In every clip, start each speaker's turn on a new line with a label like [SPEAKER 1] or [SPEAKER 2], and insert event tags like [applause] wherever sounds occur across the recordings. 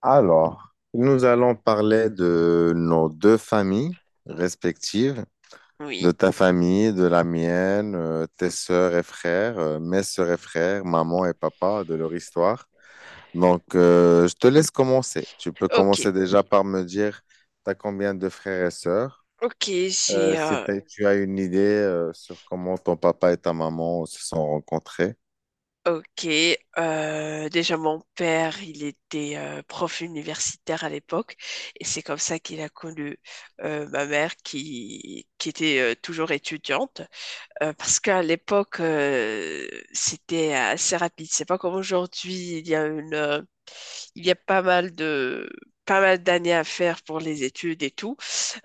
[SPEAKER 1] Alors, nous allons parler de nos deux familles respectives, de
[SPEAKER 2] Oui.
[SPEAKER 1] ta famille, de la mienne, tes sœurs et frères, mes sœurs et frères, maman et papa, de leur histoire. Donc, je te laisse commencer. Tu peux
[SPEAKER 2] Ok.
[SPEAKER 1] commencer déjà par me dire, tu as combien de frères et sœurs?
[SPEAKER 2] Ok, j'ai...
[SPEAKER 1] Si
[SPEAKER 2] euh,
[SPEAKER 1] t'as- Tu as une idée, sur comment ton papa et ta maman se sont rencontrés.
[SPEAKER 2] ok. Déjà, mon père, il était prof universitaire à l'époque. Et c'est comme ça qu'il a connu ma mère qui était toujours étudiante. Parce qu'à l'époque, c'était assez rapide. C'est pas comme aujourd'hui. Il y a pas mal d'années à faire pour les études et tout.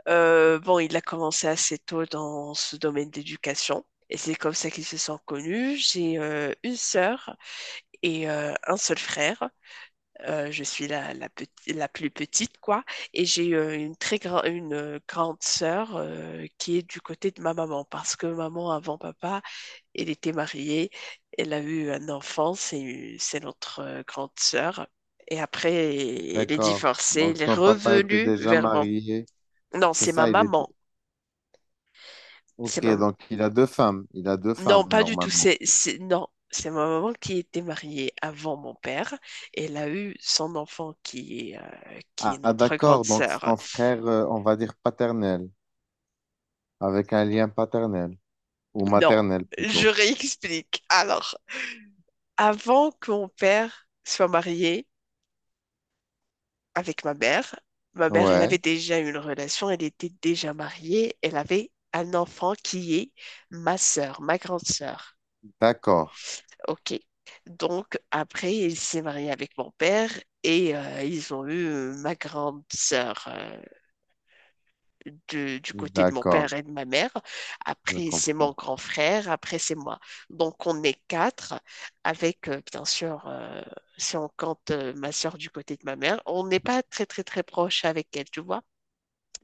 [SPEAKER 2] Bon, il a commencé assez tôt dans ce domaine d'éducation et c'est comme ça qu'ils se sont connus. J'ai une sœur et un seul frère. Je suis la plus petite, quoi. Et j'ai une grande sœur qui est du côté de ma maman parce que maman, avant papa, elle était mariée. Elle a eu un enfant, c'est notre grande sœur. Et après, elle est
[SPEAKER 1] D'accord.
[SPEAKER 2] divorcée, elle
[SPEAKER 1] Donc,
[SPEAKER 2] est
[SPEAKER 1] ton papa était
[SPEAKER 2] revenue
[SPEAKER 1] déjà
[SPEAKER 2] vers mon...
[SPEAKER 1] marié.
[SPEAKER 2] Non,
[SPEAKER 1] C'est
[SPEAKER 2] c'est ma
[SPEAKER 1] ça, il était.
[SPEAKER 2] maman. C'est
[SPEAKER 1] Ok,
[SPEAKER 2] ma
[SPEAKER 1] donc il a deux femmes. Il a deux
[SPEAKER 2] Non,
[SPEAKER 1] femmes,
[SPEAKER 2] pas du tout.
[SPEAKER 1] normalement.
[SPEAKER 2] C'est, non, C'est ma maman qui était mariée avant mon père. Elle a eu son enfant qui est
[SPEAKER 1] Ah, ah,
[SPEAKER 2] notre grande
[SPEAKER 1] d'accord, donc c'est
[SPEAKER 2] sœur.
[SPEAKER 1] ton frère, on va dire paternel, avec un lien paternel, ou
[SPEAKER 2] Non,
[SPEAKER 1] maternel
[SPEAKER 2] je
[SPEAKER 1] plutôt.
[SPEAKER 2] réexplique. Alors, avant que mon père soit marié avec ma mère, elle avait
[SPEAKER 1] Ouais,
[SPEAKER 2] déjà une relation. Elle était déjà mariée. Elle avait un enfant qui est ma sœur, ma grande sœur.
[SPEAKER 1] d'accord,
[SPEAKER 2] Ok. Donc, après, il s'est marié avec mon père et ils ont eu ma grande sœur du côté de mon
[SPEAKER 1] d'accord,
[SPEAKER 2] père et de ma mère.
[SPEAKER 1] je
[SPEAKER 2] Après, c'est mon
[SPEAKER 1] comprends.
[SPEAKER 2] grand frère. Après, c'est moi. Donc, on est quatre avec, bien sûr, si on compte ma sœur du côté de ma mère, on n'est pas très, très, très proche avec elle, tu vois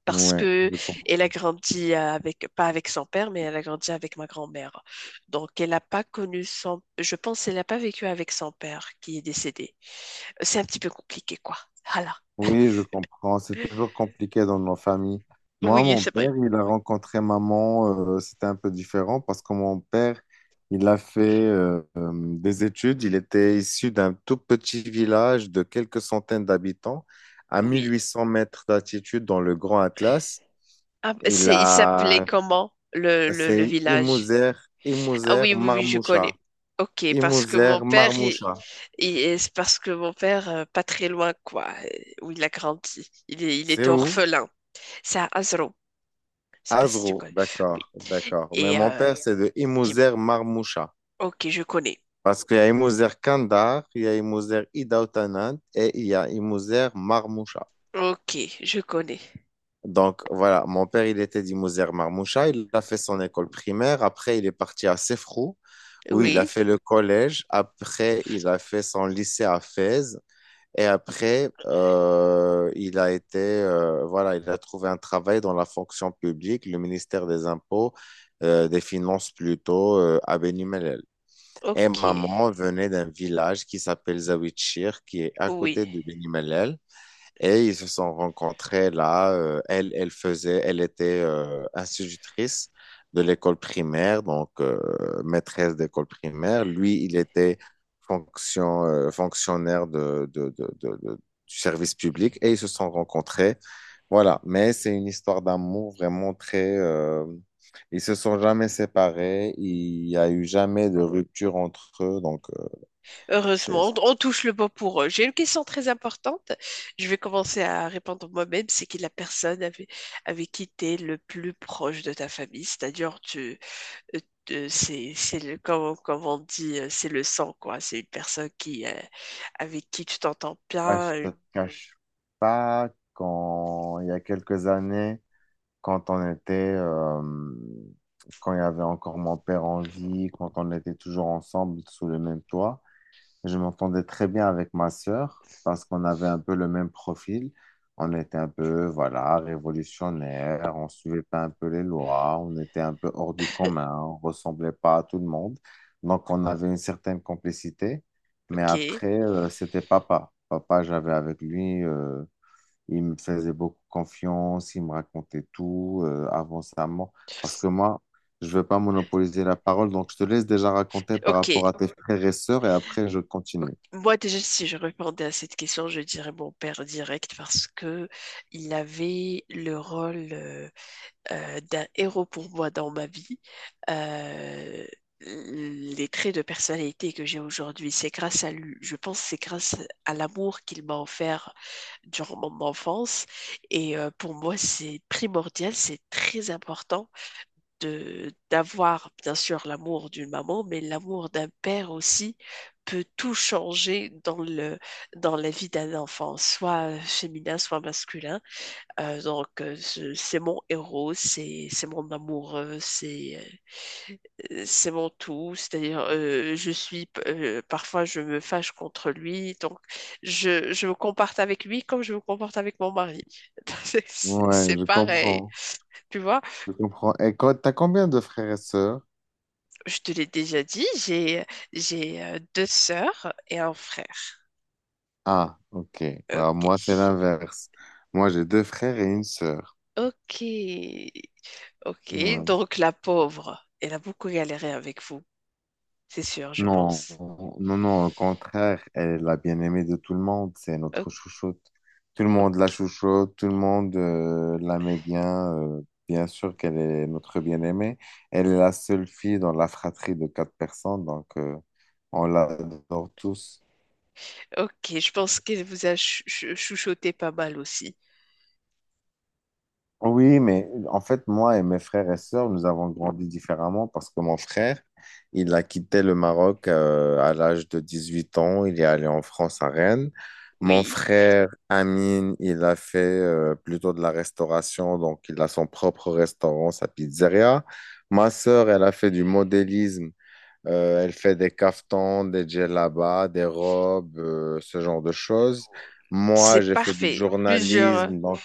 [SPEAKER 2] parce
[SPEAKER 1] Ouais,
[SPEAKER 2] que
[SPEAKER 1] je comprends.
[SPEAKER 2] elle a grandi avec, pas avec son père, mais elle a grandi avec ma grand-mère. Donc, elle n'a pas connu son, je pense, elle n'a pas vécu avec son père qui est décédé. C'est un petit peu compliqué, quoi. Voilà.
[SPEAKER 1] Oui, je comprends. C'est toujours compliqué dans nos familles. Moi,
[SPEAKER 2] Oui,
[SPEAKER 1] mon
[SPEAKER 2] c'est vrai.
[SPEAKER 1] père, il a rencontré maman, c'était un peu différent parce que mon père, il a fait des études. Il était issu d'un tout petit village de quelques centaines d'habitants à
[SPEAKER 2] Oui.
[SPEAKER 1] 1800 mètres d'altitude dans le Grand Atlas.
[SPEAKER 2] Ah,
[SPEAKER 1] Il
[SPEAKER 2] c'est, il s'appelait
[SPEAKER 1] a,
[SPEAKER 2] comment le
[SPEAKER 1] c'est
[SPEAKER 2] village?
[SPEAKER 1] Imouzer,
[SPEAKER 2] Ah
[SPEAKER 1] Imouzer,
[SPEAKER 2] oui, oui, oui, je connais.
[SPEAKER 1] Marmoucha.
[SPEAKER 2] Ok, parce que
[SPEAKER 1] Imouzer,
[SPEAKER 2] mon père,
[SPEAKER 1] Marmoucha.
[SPEAKER 2] il- c'est parce que mon père, pas très loin, quoi, où il a grandi, il
[SPEAKER 1] C'est
[SPEAKER 2] était
[SPEAKER 1] où?
[SPEAKER 2] orphelin. C'est à Azro. Je sais pas si tu
[SPEAKER 1] Azrou,
[SPEAKER 2] connais. Oui.
[SPEAKER 1] d'accord, d'accord. Mais
[SPEAKER 2] Et
[SPEAKER 1] mon
[SPEAKER 2] euh,
[SPEAKER 1] père, c'est de
[SPEAKER 2] Tim.
[SPEAKER 1] Imouzer Marmoucha.
[SPEAKER 2] Ok, je connais.
[SPEAKER 1] Parce qu'il y a Imouzer Kandar, il y a Imouzer Ida Otanant et il y a Imouzer Marmoucha.
[SPEAKER 2] Ok, je connais.
[SPEAKER 1] Donc voilà, mon père, il était d'Imouzer Marmoucha, il a fait son école primaire, après il est parti à Sefrou, où il a
[SPEAKER 2] Oui,
[SPEAKER 1] fait le collège, après il a fait son lycée à Fès, et après il a été, voilà, il a trouvé un travail dans la fonction publique, le ministère des Impôts, des Finances plutôt, à Beni Mellel. Et
[SPEAKER 2] ok,
[SPEAKER 1] maman venait d'un village qui s'appelle Zawichir, qui est à
[SPEAKER 2] oui.
[SPEAKER 1] côté de Beni Mellel. Et ils se sont rencontrés là. Elle, elle faisait, elle était institutrice de l'école primaire, donc maîtresse d'école primaire. Lui, il était fonction, fonctionnaire du service public et ils se sont rencontrés. Voilà. Mais c'est une histoire d'amour vraiment très, ils se sont jamais séparés. Il y a eu jamais de rupture entre eux. Donc, c'est.
[SPEAKER 2] Heureusement, on touche le bon pour eux. J'ai une question très importante. Je vais commencer à répondre moi-même. C'est qui la personne avec, Avec qui tu es le plus proche de ta famille? C'est-à-dire, euh, c'est le, comme, comme on dit, c'est le sang, quoi. C'est une personne qui, avec qui tu t'entends
[SPEAKER 1] Bah,
[SPEAKER 2] bien.
[SPEAKER 1] je te cache pas quand il y a quelques années, quand on était, euh, quand il y avait encore mon père en vie, quand on était toujours ensemble sous le même toit, je m'entendais très bien avec ma sœur parce qu'on avait un peu le même profil. On était un peu, voilà, révolutionnaire, on suivait pas un peu les lois, on était un peu hors du commun, on ressemblait pas à tout le monde. Donc, on avait une certaine complicité. Mais
[SPEAKER 2] Ok,
[SPEAKER 1] après, c'était papa. Papa, j'avais avec lui, il me faisait beaucoup confiance, il me racontait tout avant sa mort. Parce que moi, je ne veux pas monopoliser la parole, donc je te laisse déjà raconter par
[SPEAKER 2] ok.
[SPEAKER 1] rapport à tes frères et sœurs et après je
[SPEAKER 2] Ok,
[SPEAKER 1] continue.
[SPEAKER 2] moi, déjà, si je répondais à cette question, je dirais mon père direct parce que il avait le rôle d'un héros pour moi dans ma vie. Euh, les traits de personnalité que j'ai aujourd'hui, c'est grâce à lui. Je pense que c'est grâce à l'amour qu'il m'a offert durant mon enfance. Et pour moi, c'est primordial, c'est très important de d'avoir bien sûr l'amour d'une maman, mais l'amour d'un père aussi peut tout changer dans le dans la vie d'un enfant, soit féminin, soit masculin. C'est mon héros, c'est mon amour, c'est mon tout. C'est-à-dire je suis parfois je me fâche contre lui, donc je me comporte avec lui comme je me comporte avec mon mari. [laughs] C'est
[SPEAKER 1] Ouais,
[SPEAKER 2] c'est
[SPEAKER 1] je
[SPEAKER 2] pareil,
[SPEAKER 1] comprends.
[SPEAKER 2] tu vois.
[SPEAKER 1] Je comprends. Et quand, t'as combien de frères et sœurs?
[SPEAKER 2] Je te l'ai déjà dit, j'ai deux sœurs et un frère.
[SPEAKER 1] Ah, ok. Alors
[SPEAKER 2] Ok,
[SPEAKER 1] moi, c'est l'inverse. Moi, j'ai deux frères et une sœur.
[SPEAKER 2] ok, ok.
[SPEAKER 1] Ouais.
[SPEAKER 2] Donc la pauvre, elle a beaucoup galéré avec vous, c'est sûr, je
[SPEAKER 1] Non,
[SPEAKER 2] pense.
[SPEAKER 1] non, non, au contraire, elle est la bien-aimée de tout le monde, c'est
[SPEAKER 2] O-
[SPEAKER 1] notre chouchoute. Tout le monde
[SPEAKER 2] Ok,
[SPEAKER 1] la chouchoute, tout le monde l'aimait bien, bien sûr qu'elle est notre bien-aimée. Elle est la seule fille dans la fratrie de quatre personnes, donc on l'adore tous.
[SPEAKER 2] ok. Je pense qu'elle vous a chouchouté pas mal aussi.
[SPEAKER 1] Oui, mais en fait, moi et mes frères et sœurs, nous avons grandi différemment parce que mon frère, il a quitté le Maroc à l'âge de 18 ans. Il est allé en France à Rennes. Mon
[SPEAKER 2] Oui,
[SPEAKER 1] frère Amine, il a fait plutôt de la restauration, donc il a son propre restaurant, sa pizzeria. Ma sœur, elle a fait du modélisme. Elle fait des caftans, des djellabas, des robes, ce genre de choses. Moi,
[SPEAKER 2] c'est
[SPEAKER 1] j'ai fait du
[SPEAKER 2] parfait.
[SPEAKER 1] journalisme, donc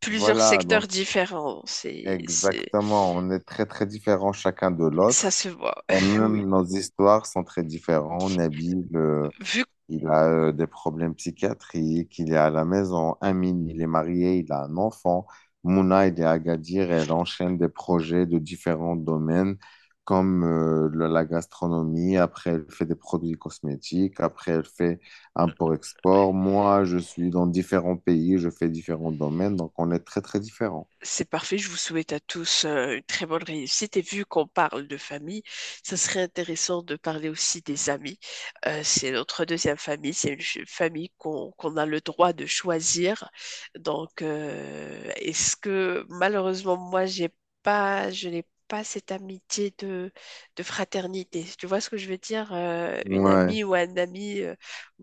[SPEAKER 2] Plusieurs
[SPEAKER 1] voilà,
[SPEAKER 2] secteurs
[SPEAKER 1] donc.
[SPEAKER 2] différents, c'est
[SPEAKER 1] Exactement, on est très très différents chacun de
[SPEAKER 2] ça
[SPEAKER 1] l'autre
[SPEAKER 2] se voit.
[SPEAKER 1] et
[SPEAKER 2] [laughs] Oui.
[SPEAKER 1] même nos histoires sont très différentes. Nabil,
[SPEAKER 2] Vu
[SPEAKER 1] il a des problèmes psychiatriques, il est à la maison. Amine, il est marié, il a un enfant. Mouna, il est à Agadir, elle enchaîne des projets de différents domaines comme la gastronomie, après elle fait des produits cosmétiques, après elle fait import-export. Moi, je suis dans différents pays, je fais différents domaines, donc on est très très différents.
[SPEAKER 2] C'est parfait, je vous souhaite à tous une très bonne réussite. Et vu qu'on parle de famille, ça serait intéressant de parler aussi des amis. C'est notre deuxième famille, c'est une famille qu'on a le droit de choisir. Donc, est-ce que malheureusement, moi, j'ai pas, je n'ai pas cette amitié de fraternité. Tu vois ce que je veux dire? Une
[SPEAKER 1] Ouais.
[SPEAKER 2] amie ou un ami, euh,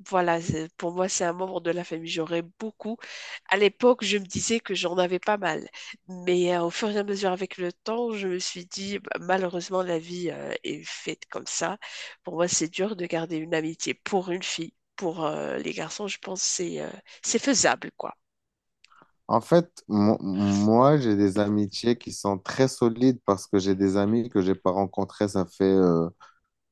[SPEAKER 2] voilà, c'est- pour moi, c'est un membre de la famille. J'aurais beaucoup. À l'époque, je me disais que j'en avais pas mal. Mais au fur et à mesure avec le temps, je me suis dit, bah, malheureusement, la vie est faite comme ça. Pour moi, c'est dur de garder une amitié pour une fille. Pour les garçons, je pense que c'est faisable, quoi.
[SPEAKER 1] En fait, moi, j'ai des amitiés qui sont très solides parce que j'ai des amis que j'ai pas rencontrés, ça fait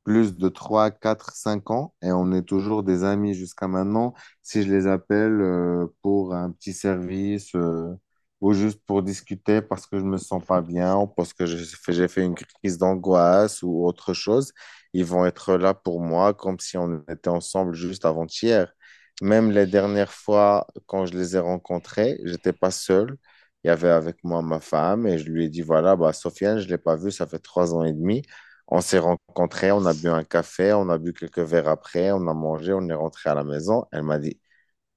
[SPEAKER 1] plus de 3 4 5 ans et on est toujours des amis jusqu'à maintenant. Si je les appelle pour un petit service ou juste pour discuter parce que je me sens pas bien ou parce que j'ai fait une crise d'angoisse ou autre chose, ils vont être là pour moi comme si on était ensemble juste avant-hier. Même les dernières fois quand je les ai rencontrés, j'étais pas seul. Il y avait avec moi ma femme et je lui ai dit, voilà, bah, Sofiane, je l'ai pas vue, ça fait trois ans et demi. On s'est rencontrés, on a bu un café, on a bu quelques verres après, on a mangé, on est rentré à la maison. Elle m'a dit,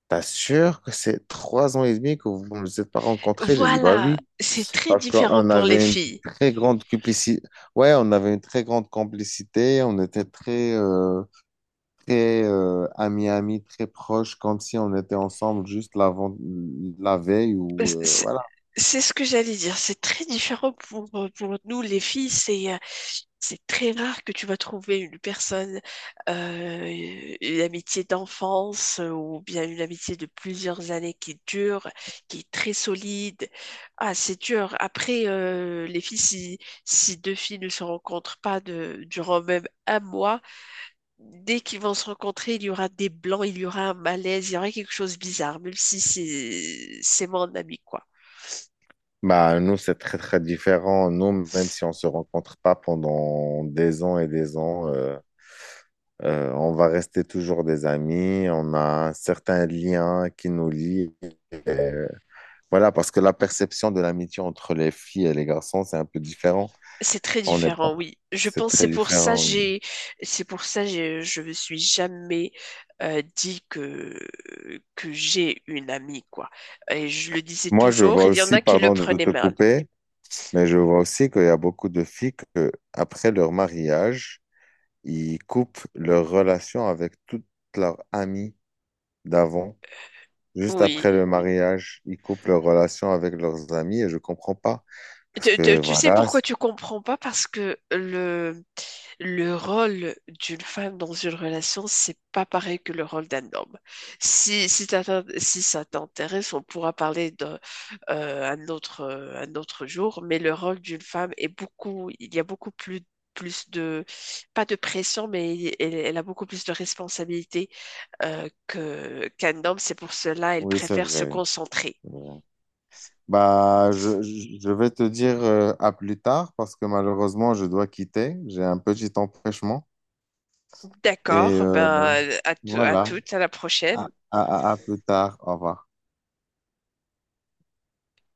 [SPEAKER 1] T'as sûr que c'est trois ans et demi que vous ne vous êtes pas rencontrés? J'ai dit, bah
[SPEAKER 2] Voilà,
[SPEAKER 1] oui,
[SPEAKER 2] c'est très
[SPEAKER 1] parce
[SPEAKER 2] différent
[SPEAKER 1] qu'on
[SPEAKER 2] pour les
[SPEAKER 1] avait une
[SPEAKER 2] filles.
[SPEAKER 1] très grande complicité. Ouais, on avait une très grande complicité, on était très, très amis, amis, très proches, comme si on était ensemble juste l'avant, la veille ou
[SPEAKER 2] C'est
[SPEAKER 1] voilà.
[SPEAKER 2] c'est ce que j'allais dire. C'est très différent pour nous, les filles. C'est très rare que tu vas trouver une personne, une amitié d'enfance ou bien une amitié de plusieurs années qui dure, qui est très solide. Ah, c'est dur. Après, les filles, si, si deux filles ne se rencontrent pas de, durant même un mois, dès qu'ils vont se rencontrer, il y aura des blancs, il y aura un malaise, il y aura quelque chose de bizarre, même si c'est mon ami, quoi.
[SPEAKER 1] Bah, nous, c'est très, très différent. Nous, même si on se rencontre pas pendant des ans et des ans, on va rester toujours des amis, on a certains liens qui nous lient. Et voilà, parce que la perception de l'amitié entre les filles et les garçons, c'est un peu différent.
[SPEAKER 2] C'est très
[SPEAKER 1] On n'est pas,
[SPEAKER 2] différent, oui. Je
[SPEAKER 1] c'est
[SPEAKER 2] pense que
[SPEAKER 1] très différent.
[SPEAKER 2] c'est pour ça j'ai je me suis jamais dit que j'ai une amie quoi. Et je le disais
[SPEAKER 1] Moi, je
[SPEAKER 2] toujours,
[SPEAKER 1] vois
[SPEAKER 2] il y en
[SPEAKER 1] aussi,
[SPEAKER 2] a qui le
[SPEAKER 1] pardon de
[SPEAKER 2] prenaient
[SPEAKER 1] te
[SPEAKER 2] mal.
[SPEAKER 1] couper, mais je vois aussi qu'il y a beaucoup de filles que, après leur mariage, ils coupent leur relation avec toute leur amie d'avant. Juste
[SPEAKER 2] Oui.
[SPEAKER 1] après le mariage, ils coupent leur relation avec leurs amis et je comprends pas. Parce que
[SPEAKER 2] Tu sais
[SPEAKER 1] voilà.
[SPEAKER 2] pourquoi tu comprends pas? Parce que le rôle d'une femme dans une relation, c'est pas pareil que le rôle d'un homme. Si ça t'intéresse, on pourra parler d'un un autre jour, mais le rôle d'une femme est beaucoup, il y a beaucoup plus, plus de, pas de pression, mais elle, elle a beaucoup plus de responsabilités que, qu'un homme. C'est pour cela elle
[SPEAKER 1] Oui, c'est
[SPEAKER 2] préfère se
[SPEAKER 1] vrai.
[SPEAKER 2] concentrer.
[SPEAKER 1] C'est vrai. Bah, je vais te dire à plus tard parce que malheureusement, je dois quitter. J'ai un petit empêchement. Et
[SPEAKER 2] D'accord, ben, à
[SPEAKER 1] voilà,
[SPEAKER 2] toutes, à la prochaine.
[SPEAKER 1] à, à, à plus tard. Au revoir.